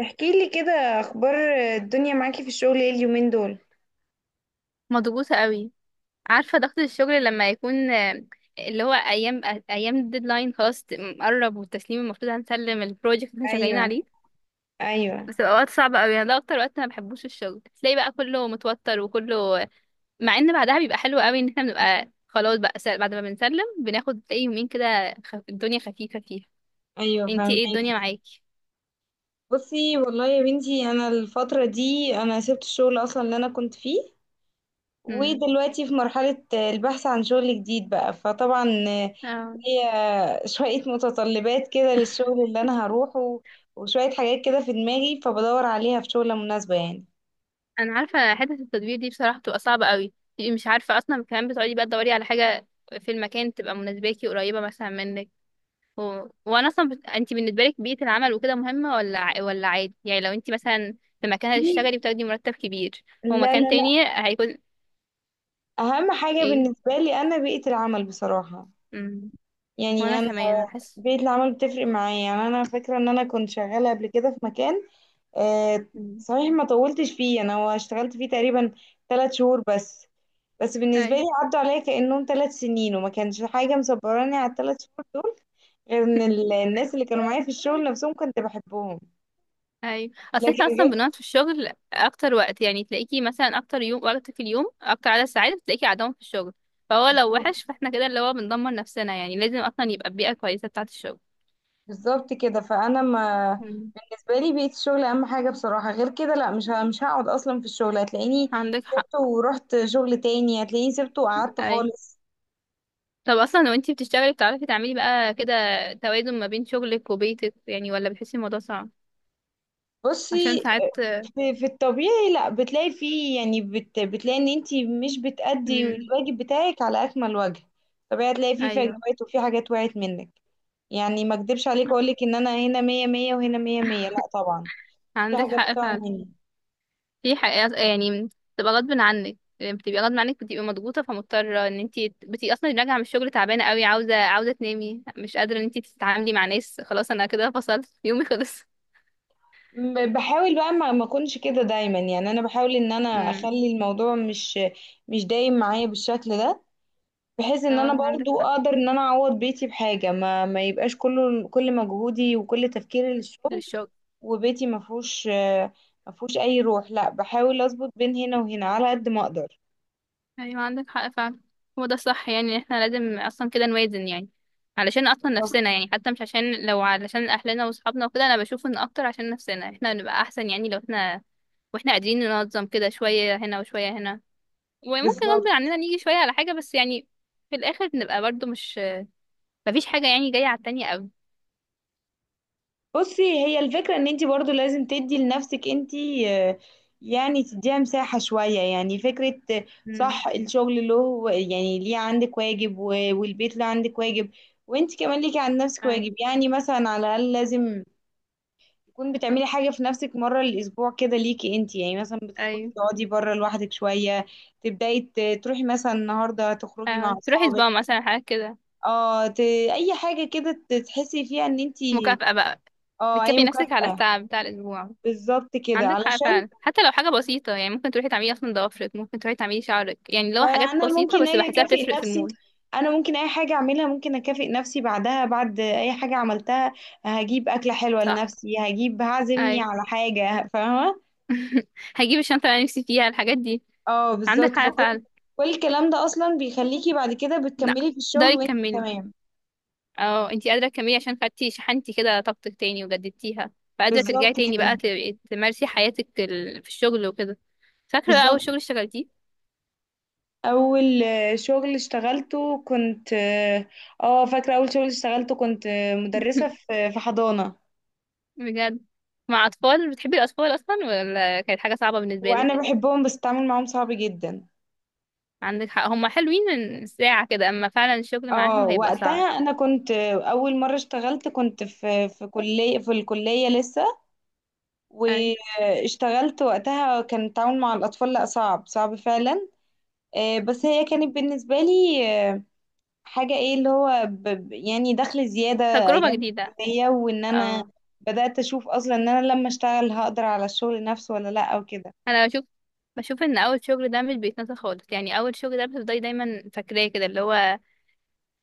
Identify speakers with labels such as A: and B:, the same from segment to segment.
A: احكي لي كده، اخبار الدنيا معاكي في الشغل ايه اليومين دول؟
B: مضغوطة قوي. عارفة ضغط الشغل لما يكون، اللي هو أيام الديدلاين خلاص، مقرب، والتسليم المفروض هنسلم البروجكت اللي احنا شغالين
A: ايوه.
B: عليه.
A: ايوه.
B: بتبقى وقت صعب قوي، أنا ده أكتر وقت أنا مبحبوش الشغل، تلاقي بقى كله متوتر وكله، مع إن بعدها بيبقى حلو قوي، إن احنا بنبقى خلاص بقى بعد ما بنسلم بناخد، تلاقي يومين كده الدنيا خفيفة فيها.
A: ايوه،
B: انتي
A: فاهمك.
B: ايه الدنيا معاكي؟
A: بصي والله يا بنتي، انا الفتره دي انا سبت الشغل اصلا اللي انا كنت فيه،
B: مم.
A: ودلوقتي في مرحله البحث عن شغل جديد بقى. فطبعا
B: اه.
A: هي شويه متطلبات كده للشغل اللي انا هروحه، وشويه حاجات كده في دماغي، فبدور عليها في شغله مناسبه يعني.
B: انا عارفه حته التدوير دي بصراحه بتبقى صعبه قوي، تبقي مش عارفه اصلا، كمان بتقعدي بقى تدوري على حاجه في المكان تبقى مناسباكي، قريبه مثلا منك، و... وانا اصلا انت بالنسبه لك بيئه العمل وكده مهمه، ولا عادي؟ يعني لو انت مثلا في مكان هتشتغلي بتاخدي مرتب كبير،
A: لا،
B: ومكان
A: لا، لا.
B: تاني هيكون
A: اهم حاجه
B: ايه.
A: بالنسبه لي انا بيئه العمل بصراحه.
B: امم
A: يعني
B: وانا كمان بحس،
A: بيئة العمل بتفرق معايا. يعني أنا فاكرة إن أنا كنت شغالة قبل كده في مكان، آه
B: امم،
A: صحيح ما طولتش فيه، أنا هو اشتغلت فيه تقريبا 3 شهور بس. بس بالنسبة لي عدوا عليا كأنهم 3 سنين، وما كانش حاجة مصبراني على الـ3 شهور دول، غير إن الناس اللي كانوا معايا في الشغل نفسهم كنت بحبهم.
B: ايوه. اصل
A: لكن
B: احنا اصلا
A: غير،
B: بنقعد في الشغل اكتر وقت، يعني تلاقيكي مثلا اكتر يوم، وقت في اليوم اكتر عدد ساعات بتلاقيكي قاعدهم في الشغل، فهو لو وحش فاحنا كده اللي هو بندمر نفسنا، يعني لازم اصلا يبقى البيئة كويسة بتاعة الشغل.
A: بالظبط كده. فأنا ما،
B: مم.
A: بالنسبة لي بيئة الشغل أهم حاجة بصراحة. غير كده لا، مش هقعد أصلا في الشغل. هتلاقيني
B: عندك حق.
A: سبته ورحت شغل تاني، هتلاقيني سبته وقعدت
B: اي،
A: خالص.
B: طب اصلا لو انتي بتشتغلي بتعرفي تعملي بقى كده توازن ما بين شغلك وبيتك، يعني ولا بتحسي الموضوع صعب؟ عشان
A: بصي،
B: ساعات،
A: في الطبيعي لا بتلاقي فيه. يعني بتلاقي ان انتي مش بتأدي
B: امم،
A: الواجب بتاعك على اكمل وجه. طبيعي هتلاقي فيه
B: ايوه
A: فجوات، وفي حاجات وقعت منك. يعني ما اكدبش عليك اقولك ان انا هنا مية مية وهنا مية مية، لا طبعا. في
B: عندك
A: حاجات
B: حق
A: بتقع
B: فعلا.
A: مني.
B: في حقيقة يعني، بتبقى غصب عنك، يعني بتبقي غصب عنك، بتبقي مضغوطة، فمضطرة ان انتي بتبقي اصلا راجعة من الشغل تعبانة قوي، عاوزة تنامي، مش قادرة ان انتي تتعاملي مع ناس، خلاص انا كده فصلت يومي خلص.
A: بحاول بقى ما اكونش كده دايما. يعني انا بحاول ان انا
B: امم.
A: اخلي الموضوع مش دايم معايا بالشكل ده، بحيث ان انا
B: اه، عندك
A: برضو
B: حق،
A: اقدر ان انا اعوض بيتي بحاجة، ما يبقاش كله كل مجهودي وكل تفكيري للشغل
B: للشغل.
A: وبيتي ما فيهوش اي روح. لا، بحاول اظبط بين هنا وهنا على قد ما اقدر.
B: ايوه عندك حق فعلا. هو ده الصح، يعني إن احنا لازم اصلا كده نوازن، يعني علشان اصلا
A: صح.
B: نفسنا، يعني حتى مش عشان، لو علشان اهلنا واصحابنا وكده، انا بشوف ان اكتر عشان نفسنا احنا نبقى احسن، يعني لو احنا واحنا قادرين ننظم كده، شوية هنا وشوية هنا، وممكن
A: بالظبط.
B: غصب عننا نيجي شوية على حاجة، بس يعني في الآخر بنبقى برضو مش، مفيش حاجة يعني جاية على التانية قوي.
A: بصي، هي الفكرة ان انتي برضو لازم تدي لنفسك انتي، يعني تديها مساحة شوية. يعني فكرة،
B: امم،
A: صح. الشغل له، يعني ليه عندك واجب، والبيت له عندك واجب، وانتي كمان ليكي عند نفسك
B: أيوة،
A: واجب. يعني مثلا على الأقل لازم تكون بتعملي حاجة في نفسك مرة الأسبوع كده ليكي انتي. يعني مثلا بتخرجي
B: أيوة.
A: تقعدي بره لوحدك شوية، تبدأي، تروحي مثلا النهاردة تخرجي مع
B: آه، تروحي
A: أصحابك.
B: سبا مثلا حاجة كده،
A: اه ت... أي حاجة كده تحسي فيها ان انتي.
B: مكافأة بقى.
A: اه، أي
B: بتكافئي نفسك على
A: مكافأة.
B: التعب بتاع الأسبوع.
A: بالظبط كده،
B: عندك حق
A: علشان
B: فعلا، حتى لو حاجة بسيطة، يعني ممكن تروحي تعملي أصلا ضوافرك، ممكن تروحي تعملي شعرك، يعني لو
A: بقى
B: حاجات
A: أنا
B: بسيطة
A: ممكن
B: بس
A: أجي
B: بحسها
A: أكافئ
B: بتفرق في
A: نفسي.
B: المود.
A: أنا ممكن أي حاجة أعملها ممكن أكافئ نفسي بعدها، بعد أي حاجة عملتها هجيب أكلة حلوة
B: صح.
A: لنفسي، هجيب، هعزمني
B: أي.
A: على حاجة فاهمة.
B: هجيب الشنطة اللي أنا نفسي فيها، الحاجات دي.
A: اه
B: عندك
A: بالظبط،
B: حق
A: فكل
B: فعلا.
A: كل الكلام ده اصلا بيخليكي بعد كده
B: لا،
A: بتكملي في
B: ده
A: الشغل وانت
B: يكملي.
A: تمام.
B: اه، انتي قادرة تكملي، عشان خدتي شحنتي كده طاقتك تاني وجددتيها، فقادرة ترجعي
A: بالظبط
B: تاني بقى
A: كده.
B: تمارسي حياتك، في الشغل وكده. فاكرة بقى أول
A: بالظبط.
B: شغل اشتغلتيه؟
A: اول شغل اشتغلته كنت اه، فاكره اول شغل اشتغلته كنت، مدرسه في حضانه.
B: بجد؟ مع أطفال؟ بتحبي الأطفال أصلا، ولا كانت حاجة صعبة بالنسبة لك؟
A: وانا بحبهم، بس التعامل معاهم صعب جدا.
B: عندك حق، هما حلوين من ساعة كده، أما فعلا الشغل
A: اه،
B: معاهم هيبقى صعب.
A: وقتها انا كنت، اول مره اشتغلت كنت في كليه، في الكليه لسه.
B: أي.
A: واشتغلت وقتها كان التعامل مع الاطفال، لا صعب صعب فعلا. بس هي كانت بالنسبة لي حاجة، ايه اللي هو يعني دخل زيادة
B: تجربة
A: ايام
B: جديدة.
A: الكلية. وان انا
B: اه.
A: بدأت اشوف اصلا ان انا لما اشتغل هقدر على الشغل نفسه ولا لا او كده.
B: أنا بشوف، بشوف إن أول شغل ده مش بيتنسى خالص، يعني أول شغل ده بتفضلي دايما فاكراه كده، اللي هو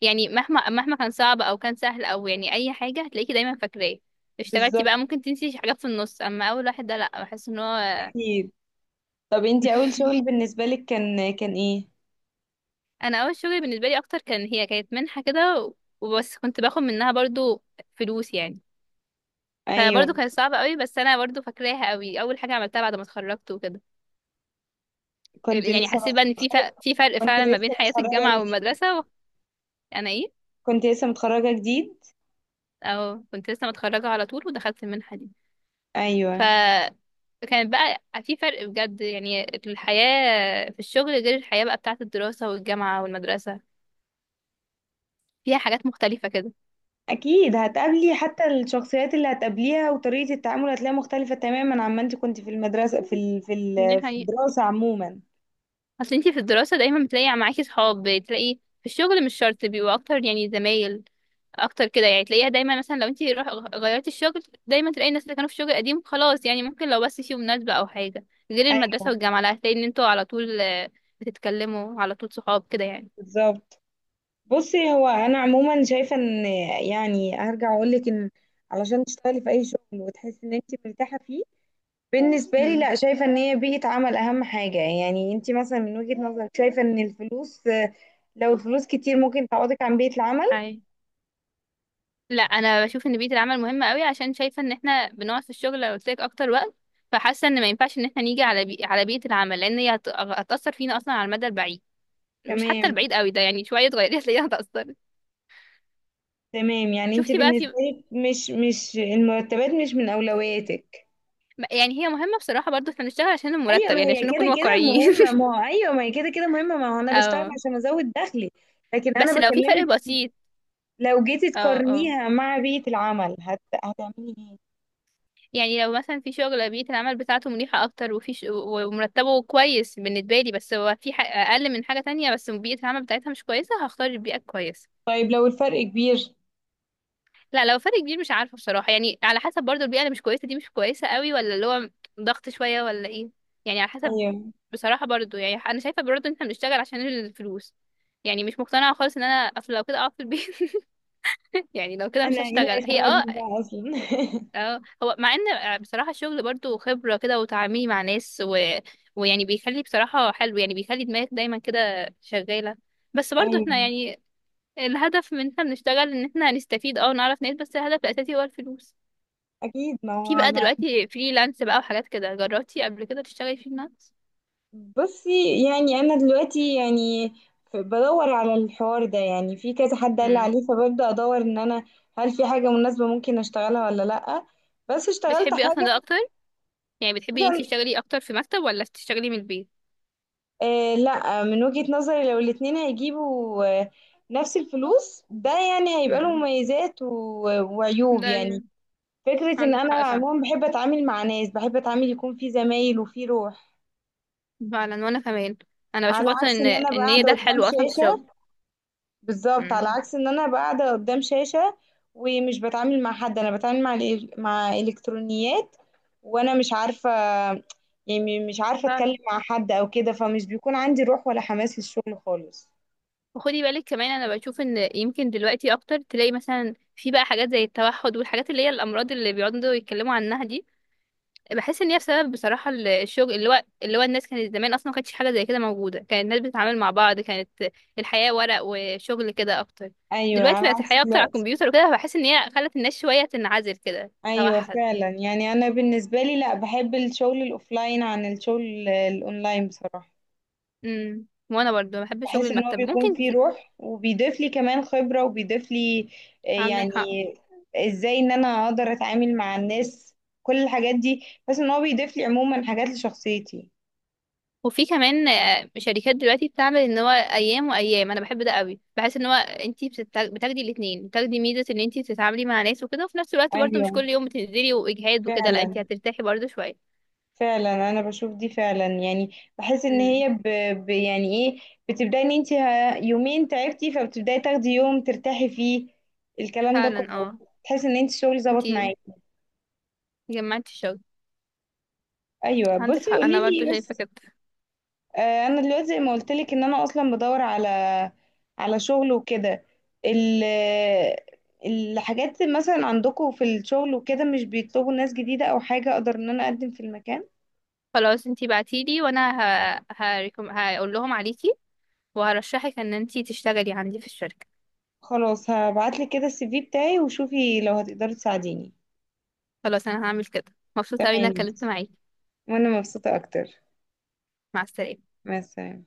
B: يعني مهما كان صعب او كان سهل، او يعني اي حاجه هتلاقيكي دايما فاكراه. اشتغلتي بقى
A: بالظبط.
B: ممكن تنسي حاجات في النص، اما اول واحد ده لا، بحس ان هو.
A: اكيد. طب انتي اول شغل بالنسبة لك كان ايه؟
B: انا اول شغل بالنسبه لي اكتر، كان هي كانت منحه كده، وبس كنت باخد منها برضو فلوس يعني،
A: ايوه.
B: فبرضو كانت صعبه قوي، بس انا برضو فاكراها قوي، اول حاجه عملتها بعد ما اتخرجت وكده،
A: كنت
B: يعني
A: لسه
B: حسيت بقى ان في فرق
A: كنت
B: فعلا ما
A: لسه
B: بين حياه
A: متخرجة
B: الجامعه
A: جديد.
B: والمدرسه انا ايه.
A: كنت لسه متخرجة جديد.
B: او كنت لسه متخرجه على طول ودخلت المنحه دي،
A: ايوه
B: فكانت بقى في فرق بجد، يعني الحياة في الشغل غير الحياة بقى بتاعة الدراسة والجامعة والمدرسة، فيها حاجات مختلفة كده.
A: اكيد. هتقابلي حتى الشخصيات اللي هتقابليها وطريقة التعامل هتلاقيها مختلفة تماما عما انت كنت في المدرسة،
B: دي
A: في
B: حقيقة.
A: الدراسة عموما.
B: اصل انتي في الدراسة دايما بتلاقي معاكي صحاب، بتلاقي في الشغل مش شرط بيبقوا اكتر، يعني زمايل اكتر كده يعني، تلاقيها دايما مثلا لو انتي روح غيرتي الشغل، دايما تلاقي الناس اللي كانوا في الشغل القديم خلاص، يعني ممكن لو بس في مناسبة او حاجة. غير
A: ايوه.
B: المدرسة والجامعة لا، هتلاقي ان انتوا على طول، بتتكلموا على طول صحاب كده يعني.
A: بالظبط. بصي، هو انا عموما شايفه ان، يعني هرجع اقول لك ان علشان تشتغلي في اي شغل وتحسي ان انت مرتاحه فيه، بالنسبه لي، لا شايفه ان هي بيئه عمل اهم حاجه. يعني انت مثلا من وجهه نظرك شايفه ان الفلوس، لو الفلوس كتير ممكن تعوضك عن بيئه العمل؟
B: امم لا، انا بشوف ان بيئه العمل مهمه قوي، عشان شايفه ان احنا بنقعد في الشغل لو قلت لك اكتر وقت، فحاسه ان ما ينفعش ان احنا نيجي على بيئه العمل، لان هي هتاثر فينا اصلا على المدى البعيد، مش حتى
A: تمام.
B: البعيد قوي ده، يعني شويه تغيري هتلاقيها هتاثر.
A: تمام. يعني انت
B: شفتي بقى في؟
A: بالنسبه لك مش المرتبات مش من اولوياتك.
B: يعني هي مهمه بصراحه، برضو احنا بنشتغل عشان
A: ايوه.
B: المرتب،
A: ما
B: يعني
A: هي
B: عشان نكون
A: كده كده
B: واقعيين.
A: مهمه. ما هو ايوه، ما هي كده كده مهمه، ما هو انا بشتغل
B: اه،
A: عشان ازود دخلي. لكن انا
B: بس لو في فرق
A: بكلمك،
B: بسيط.
A: لو جيتي
B: اه. اه.
A: تقارنيها مع بيئة العمل، هتعملي ايه؟
B: يعني لو مثلا في شغل بيئه العمل بتاعته مريحه اكتر، وفي ومرتبه كويس بالنسبه لي، بس هو في اقل من حاجه تانية، بس بيئه العمل بتاعتها مش كويسه، هختار البيئه الكويسه.
A: طيب لو الفرق كبير.
B: لا، لو فرق كبير مش عارفة بصراحة، يعني على حسب برضو، البيئة اللي مش كويسة دي مش كويسة قوي، ولا اللي هو ضغط شوية ولا ايه، يعني على حسب.
A: ايوه،
B: بصراحة برضو يعني انا شايفة برضو ان احنا بنشتغل عشان الفلوس، يعني مش مقتنعة خالص ان انا اصل، لو كده اقعد في البيت يعني لو كده مش
A: انا ايه اللي
B: هشتغل هي اه.
A: هيخرجني بقى اصلا؟
B: اه، هو مع ان بصراحة الشغل برضو خبرة كده وتعاملي مع ناس ويعني بيخلي بصراحة حلو، يعني بيخلي دماغك دايما كده شغالة، بس برضو احنا
A: ايوه
B: يعني الهدف من ان احنا بنشتغل ان احنا نستفيد اه، ونعرف ناس، بس الهدف الاساسي هو الفلوس.
A: اكيد. ما هو
B: في بقى
A: انا،
B: دلوقتي فريلانس بقى وحاجات كده، جربتي قبل كده تشتغلي فريلانس؟
A: بصي يعني انا دلوقتي يعني، بدور على الحوار ده، يعني في كذا حد قال لي عليه،
B: امم
A: فببدأ ادور ان انا هل في حاجة مناسبة ممكن اشتغلها ولا لأ. بس اشتغلت
B: بتحبي اصلا ده
A: حاجة.
B: اكتر؟ يعني بتحبي ان انتي تشتغلي اكتر في مكتب، ولا تشتغلي من البيت؟
A: لا، من وجهة نظري لو الاتنين هيجيبوا نفس الفلوس، ده يعني هيبقى له
B: امم
A: مميزات وعيوب
B: ده
A: يعني. فكرة ان
B: عندك
A: انا
B: حق فعلا.
A: عموما بحب اتعامل مع ناس، بحب اتعامل يكون في زمايل وفي روح،
B: فعلا، وانا كمان انا
A: على
B: بشوف اصلا
A: عكس
B: ان
A: ان انا أبقى
B: ان هي
A: قاعدة
B: ده
A: قدام
B: الحلو اصلا في الشغل.
A: شاشة. بالظبط، على
B: امم
A: عكس ان انا أبقى قاعدة قدام شاشة ومش بتعامل مع حد. انا بتعامل مع مع الكترونيات. وانا مش عارفة. يعني مش عارفة اتكلم
B: فعلا،
A: مع حد او كده، فمش بيكون عندي روح ولا حماس للشغل خالص.
B: وخدي بالك كمان انا بشوف ان يمكن دلوقتي اكتر، تلاقي مثلا في بقى حاجات زي التوحد والحاجات اللي هي الامراض اللي بيقعدوا يتكلموا عنها دي، بحس ان هي بسبب بصراحه الشغل، اللي هو الناس كانت زمان اصلا ما كانتش حاجه زي كده موجوده، كانت الناس بتتعامل مع بعض، كانت الحياه ورق وشغل كده اكتر،
A: ايوه،
B: دلوقتي
A: على
B: بقت
A: عكس
B: الحياه اكتر على
A: دلوقتي.
B: الكمبيوتر وكده، فبحس ان هي خلت الناس شويه تنعزل كده،
A: ايوه
B: توحد.
A: فعلا. يعني انا بالنسبه لي، لا، بحب الشغل الاوفلاين عن الشغل الاونلاين بصراحه.
B: وانا برضو بحب شغل
A: بحس ان هو
B: المكتب،
A: بيكون
B: ممكن
A: فيه روح، وبيضيف لي كمان خبره، وبيضيف لي،
B: عندك
A: يعني
B: حق.
A: ازاي ان انا اقدر اتعامل مع الناس، كل الحاجات دي. بس ان هو بيضيف لي عموما حاجات لشخصيتي.
B: وفي كمان شركات دلوقتي بتعمل ان هو ايام وايام، انا بحب ده قوي، بحس ان هو انتي بتاخدي الاثنين، بتاخدي ميزه ان انتي بتتعاملي مع ناس وكده، وفي نفس الوقت برضو
A: ايوه
B: مش كل يوم بتنزلي واجهاد وكده، لا
A: فعلا.
B: انتي هترتاحي برضو شويه.
A: فعلا انا بشوف دي فعلا. يعني بحس ان
B: مم.
A: هي يعني ايه، بتبداي ان انت يومين تعبتي، فبتبداي تاخدي يوم ترتاحي فيه، الكلام ده
B: فعلا
A: كله،
B: اه.
A: تحس ان انت الشغل ظبط
B: انتي
A: معاكي.
B: جمعتي الشغل.
A: ايوه.
B: عندك
A: بصي
B: حق
A: قولي
B: انا برضو
A: لي
B: شايفه
A: بس.
B: كده.
A: انا دلوقتي زي ما قلت لك ان انا اصلا بدور على شغل وكده. ال... الحاجات مثلا عندكم في الشغل وكده مش بيطلبوا ناس جديدة او حاجة اقدر ان انا اقدم في المكان؟
B: خلاص انتي بعتيلي، وانا هقول لهم عليكي، وهرشحك ان انتي تشتغلي عندي في الشركه.
A: خلاص هبعتلك كده الـCV بتاعي، وشوفي لو هتقدري تساعديني.
B: خلاص انا هعمل كده، مبسوطه اوي ان انا
A: تمام
B: اتكلمت معاكي.
A: وانا مبسوطة اكتر.
B: مع السلامه.
A: مع السلامة.